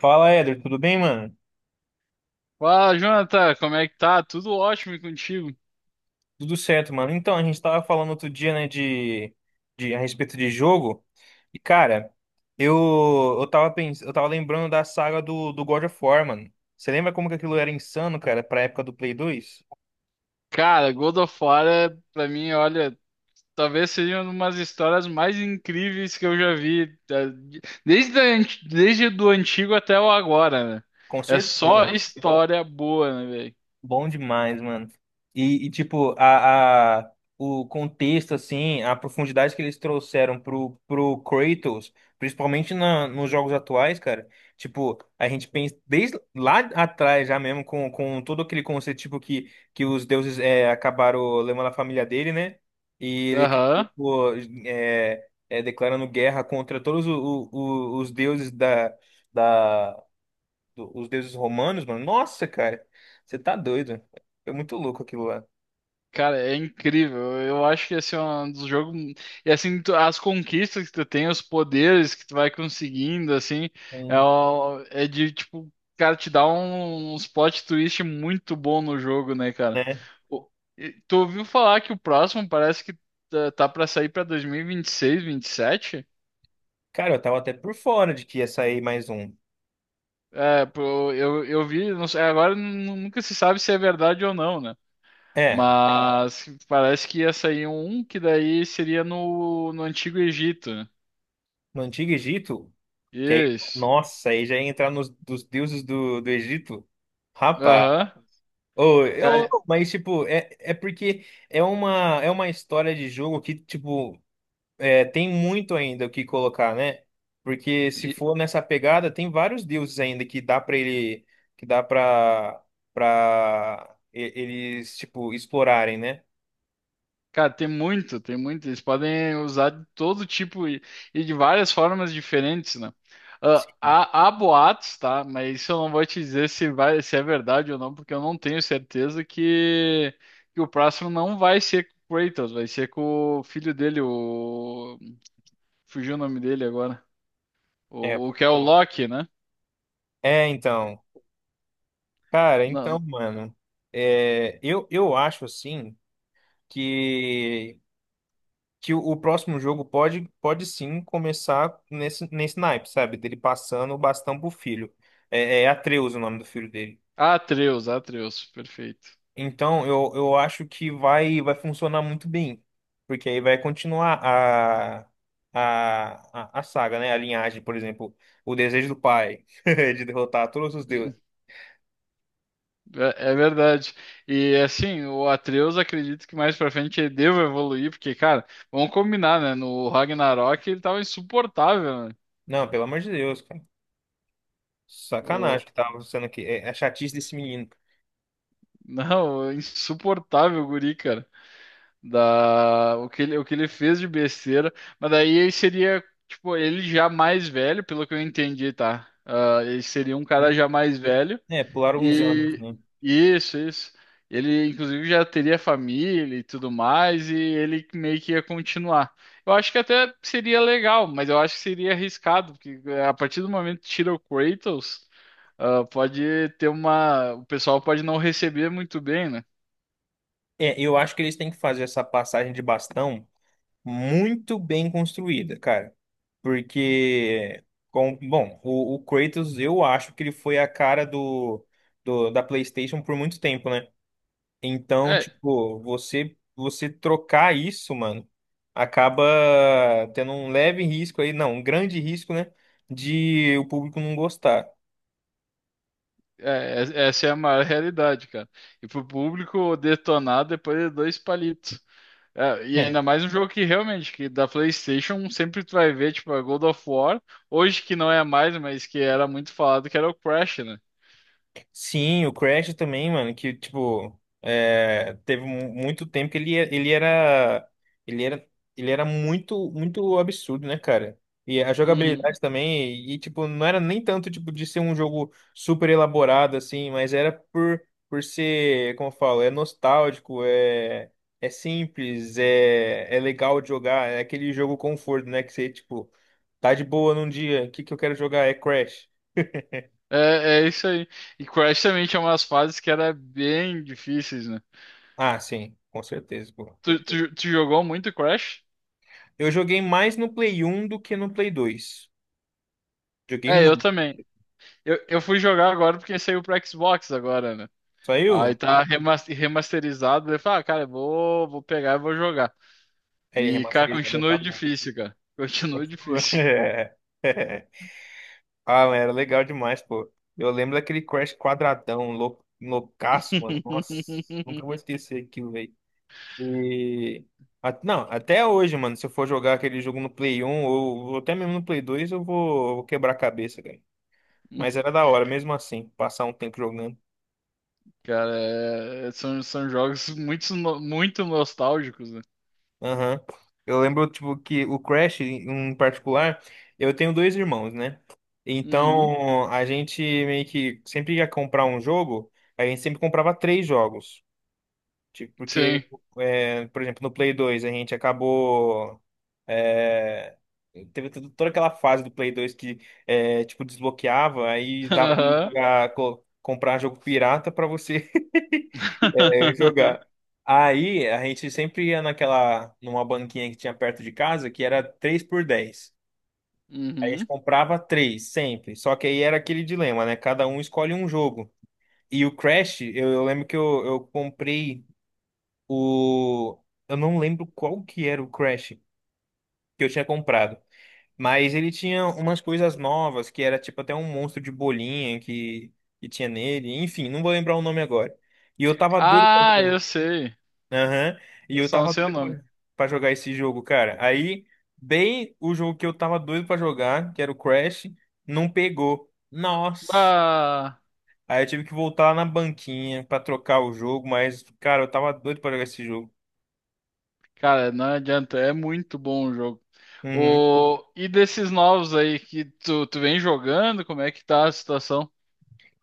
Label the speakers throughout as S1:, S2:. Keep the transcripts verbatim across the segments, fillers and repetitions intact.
S1: Fala, Éder, tudo bem, mano?
S2: Fala, Jonathan, como é que tá? Tudo ótimo e contigo?
S1: Tudo certo, mano. Então, a gente tava falando outro dia, né, de, de a respeito de jogo. E, cara, eu, eu tava pens... eu tava lembrando da saga do, do God of War, mano. Você lembra como que aquilo era insano, cara, pra época do Play dois?
S2: Cara, God of War, é, pra mim, olha, talvez seja uma das histórias mais incríveis que eu já vi, tá? De- desde a anti- desde do antigo até o agora, né?
S1: Com
S2: É só
S1: certeza.
S2: história boa, né, velho?
S1: Bom demais, mano. E, e, tipo, a, a, o contexto, assim, a profundidade que eles trouxeram pro, pro Kratos, principalmente na, nos jogos atuais, cara. Tipo, a gente pensa desde lá atrás já mesmo, com, com todo aquele conceito, tipo, que, que os deuses é, acabaram levando a família dele, né? E ele
S2: Aham.
S1: acabou é, é, declarando guerra contra todos o, o- o- os deuses da, da do- os deuses romanos, mano. Nossa, cara, você tá doido. É muito louco aquilo lá.
S2: Cara, é incrível. Eu acho que esse é um dos jogos. E assim, tu- as conquistas que tu tem, os poderes que tu vai conseguindo, assim, é,
S1: Sim.
S2: o- é de tipo, cara, te dá um, uns plot twist muito bom no jogo, né, cara?
S1: Né?
S2: O- e tu ouviu falar que o próximo parece que tá, tá pra sair pra dois mil e vinte e seis, vinte e sete?
S1: Cara, eu tava até por fora de que ia sair mais um.
S2: É, pô, eu, eu vi, não sei, agora nu- nunca se sabe se é verdade ou não, né?
S1: É,
S2: Mas parece que ia sair um que daí seria no, no Antigo Egito.
S1: no Antigo Egito, que aí,
S2: Isso.
S1: nossa, aí já ia entrar nos dos deuses do, do Egito. Rapaz.
S2: Aham.
S1: Ô, eu,
S2: Cara,
S1: mas, tipo, é, é porque é uma, é uma história de jogo que, tipo, é, tem muito ainda o que colocar, né? Porque se
S2: e-
S1: for nessa pegada, tem vários deuses ainda que dá para ele, que dá para para eles tipo explorarem, né?
S2: cara, tem muito, tem muito. Eles podem usar de todo tipo e, e de várias formas diferentes, né? Ah,
S1: Sim.
S2: há, há boatos, tá? Mas isso eu não vou te dizer se vai, se é verdade ou não, porque eu não tenho certeza que, que o próximo não vai ser com o Kratos, vai ser com o filho dele, o... Fugiu o nome dele agora.
S1: É,
S2: O, o que é o Loki, né?
S1: é, então, cara, então,
S2: Não,
S1: mano, é, eu, eu acho assim que que o, o próximo jogo pode pode sim começar nesse nesse naipe, sabe? Dele passando o bastão pro filho. É, é Atreus o nome do filho dele.
S2: Atreus, Atreus, perfeito.
S1: Então, eu, eu acho que vai, vai funcionar muito bem, porque aí vai continuar a, a, a, a saga, né? A linhagem, por exemplo, o desejo do pai de derrotar todos os
S2: Hum,
S1: deuses.
S2: É, é verdade. E assim, o Atreus acredito que mais pra frente ele deva evoluir, porque, cara, vamos combinar, né? No Ragnarok ele tava insuportável, né?
S1: Não, pelo amor de Deus, cara. Sacanagem
S2: O...
S1: que tava sendo aqui. É a chatice desse menino.
S2: Não, insuportável o guri, cara. Da o que ele, o que ele fez de besteira, mas daí ele seria, tipo, ele já mais velho, pelo que eu entendi, tá? Ah, ele seria um cara
S1: Hum?
S2: já mais velho.
S1: É, pularam uns anos,
S2: Rico.
S1: né?
S2: E isso, isso. Ele inclusive já teria família e tudo mais e ele meio que ia continuar. Eu acho que até seria legal, mas eu acho que seria arriscado, porque eh, a partir do momento que tira o Kratos, ah, pode ter uma, o pessoal pode não receber muito bem, né?
S1: É, eu acho que eles têm que fazer essa passagem de bastão muito bem construída, cara. Porque, com, bom, o, o Kratos, eu acho que ele foi a cara do, do- da PlayStation por muito tempo, né? Então,
S2: É.
S1: tipo, você, você trocar isso, mano, acaba tendo um leve risco aí, não, um grande risco, né? De o público não gostar.
S2: É, es- Essa é a maior realidade, cara. E pro público detonar depois de dois palitos. É, e
S1: É.
S2: ainda mais um jogo que realmente, que da PlayStation, sempre tu vai ver, tipo, a God of War, hoje que não é mais, mas que era muito falado, que era o Crash, né?
S1: Sim, o Crash também, mano, que tipo, é, teve mu- muito tempo que ele, é- ele era ele era ele era muito muito absurdo, né, cara? E a
S2: Uhum.
S1: jogabilidade também, e tipo, não era nem tanto tipo de ser um jogo super elaborado assim, mas era por por ser, como eu falo, é nostálgico, é é simples, é é legal de jogar, é aquele jogo conforto, né, que você tipo tá de boa num dia, o que que eu quero jogar? É Crash.
S2: É, é isso aí. E Crash também tinha umas fases que era bem difíceis, né?
S1: Ah, sim, com certeza, pô.
S2: Tu, tu, tu jogou muito Crash?
S1: Eu joguei mais no Play um do que no Play dois. Joguei
S2: É, eu
S1: muito.
S2: também. Eu, eu fui jogar agora porque saiu pro Xbox agora, né? Aí
S1: Saiu?
S2: tá remas- remasterizado. Eu falo, ah, cara, eu vou, vou pegar e vou jogar.
S1: Ele
S2: E, cara,
S1: remasterizado,
S2: continua
S1: tá bom.
S2: difícil, cara. Continua difícil.
S1: É. Ah, mas era legal demais, pô. Eu lembro daquele Crash quadradão, lou- loucaço, mano. Nossa, nunca vou esquecer aquilo, velho. E... a- Não, até hoje, mano, se eu for jogar aquele jogo no Play um ou, ou até mesmo no Play dois, eu vou, eu vou quebrar a cabeça, cara. Mas era da hora, mesmo assim, passar um tempo jogando.
S2: Cara, é- são, são jogos muito, no- muito nostálgicos, né?
S1: Aham. Eu lembro, tipo, que o Crash, em particular, eu tenho dois irmãos, né?
S2: Uhum.
S1: Então, a gente meio que sempre ia comprar um jogo, a gente sempre comprava três jogos. Tipo, porque,
S2: Sim.
S1: é, por exemplo, no Play dois, a gente acabou. é, Teve tudo- toda aquela fase do Play dois que, é, tipo, desbloqueava, aí dá
S2: Aham.
S1: pra co- comprar jogo pirata pra você. É, jogar. Aí a gente sempre ia naquela, numa banquinha que tinha perto de casa, que era três por dez. Aí a gente
S2: Uhum.
S1: comprava três sempre. Só que aí era aquele dilema, né? Cada um escolhe um jogo. E o Crash, eu, eu lembro que eu, eu comprei o. Eu não lembro qual que era o Crash que eu tinha comprado. Mas ele tinha umas coisas novas, que era tipo até um monstro de bolinha que, que tinha nele. Enfim, não vou lembrar o nome agora. E eu tava doido.
S2: Ah, eu sei.
S1: Aham. E
S2: Eu
S1: eu
S2: só não
S1: tava
S2: sei o
S1: doido
S2: nome.
S1: pra pra jogar esse jogo, cara. Aí, bem o jogo que eu tava doido pra jogar, que era o Crash, não pegou. Nossa.
S2: Ah.
S1: Aí eu tive que voltar lá na banquinha pra trocar o jogo, mas, cara, eu tava doido pra jogar esse jogo.
S2: Cara, não adianta, é muito bom o jogo.
S1: Uhum.
S2: O... E desses novos aí que tu, tu vem jogando, como é que tá a situação?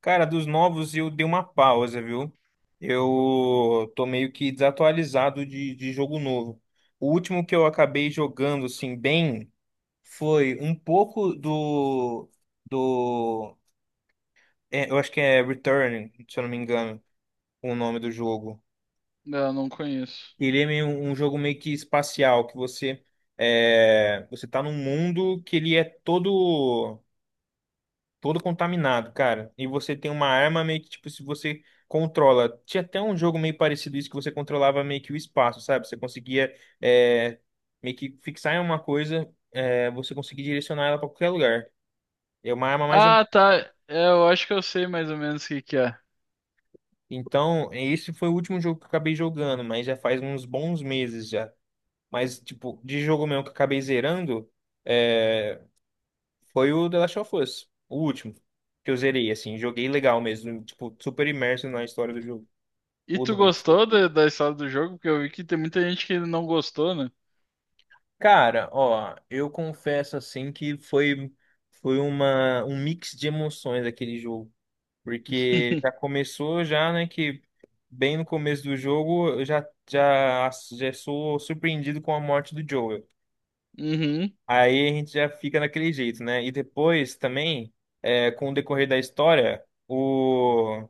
S1: Cara, dos novos eu dei uma pausa, viu? Eu tô meio que desatualizado de, de jogo novo. O último que eu acabei jogando, assim, bem, foi um pouco do. Do É, eu acho que é Return, se eu não me engano, o nome do jogo.
S2: Eu não conheço.
S1: Ele é meio, um jogo meio que espacial, que você é, você tá num mundo que ele é todo todo contaminado, cara. E você tem uma arma meio que tipo se você controla. Tinha até um jogo meio parecido isso que você controlava meio que o espaço, sabe? Você conseguia é, meio que fixar em uma coisa, é, você conseguia direcionar ela pra qualquer lugar. É uma arma mais ou-
S2: Ah, tá. É, eu acho que eu sei mais ou menos o que que é.
S1: então, esse foi o último jogo que eu acabei jogando, mas já faz uns bons meses já. Mas, tipo, de jogo mesmo que eu acabei zerando, é, foi o The Last of Us, o último que eu zerei, assim. Joguei legal mesmo, tipo, super imerso na história do jogo,
S2: E
S1: o
S2: tu
S1: dois.
S2: gostou da, da história do jogo? Porque eu vi que tem muita gente que não gostou, né?
S1: Cara, ó, eu confesso, assim, que foi, foi uma, um mix de emoções aquele jogo. Porque já começou já, né, que bem no começo do jogo eu já, já, já sou surpreendido com a morte do Joel.
S2: Uhum.
S1: Aí a gente já fica naquele jeito, né? E depois também, é, com o decorrer da história, o,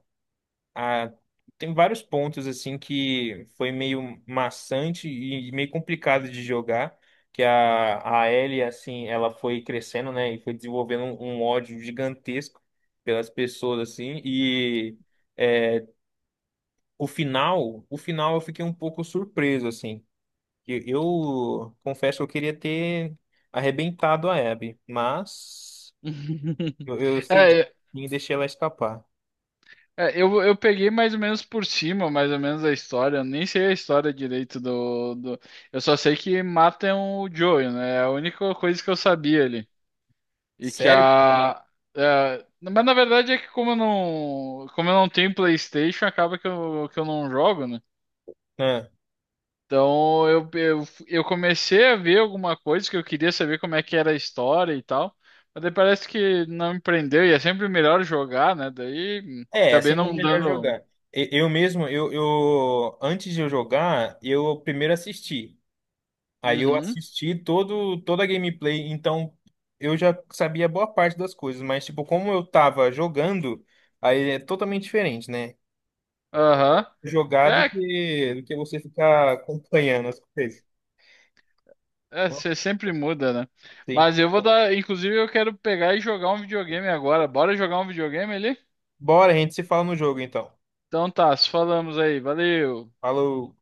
S1: a, tem vários pontos assim que foi meio maçante e meio complicado de jogar, que a, a Ellie, assim, ela foi crescendo, né? E foi desenvolvendo um, um ódio gigantesco pelas pessoas, assim, e é, o final, o final eu fiquei um pouco surpreso, assim. Eu, eu confesso que eu queria ter arrebentado a Abby, mas eu, eu cedi
S2: É,
S1: e deixei ela escapar.
S2: é, eu, eu peguei mais ou menos por cima, mais ou menos a história. Eu nem sei a história direito do, do... Eu só sei que matam o Joel, né? É a única coisa que eu sabia ali. E que
S1: Sério?
S2: a. É, mas na verdade é que como eu não, como eu não tenho PlayStation, acaba que eu, que eu não jogo, né?
S1: Ah,
S2: Então eu, eu, eu comecei a ver alguma coisa que eu queria saber como é que era a história e tal. Mas daí parece que não me prendeu e é sempre melhor jogar, né? Daí hum,
S1: é, é
S2: acabei
S1: sempre
S2: não
S1: melhor
S2: dando.
S1: jogar. E- Eu mesmo, eu, eu antes de eu jogar, eu primeiro assisti. Aí eu
S2: Uhum.
S1: assisti todo toda a gameplay, então eu já sabia boa parte das coisas, mas tipo, como eu tava jogando, aí é totalmente diferente, né?
S2: Aham.
S1: Jogar do
S2: É,
S1: que do que você ficar acompanhando as coisas.
S2: é,
S1: Nossa.
S2: você sempre muda, né? Mas eu vou dar. Inclusive, eu quero pegar e jogar um videogame agora. Bora jogar um videogame ali?
S1: Bora, a gente se fala no jogo então.
S2: Então tá, se falamos aí. Valeu.
S1: Falou.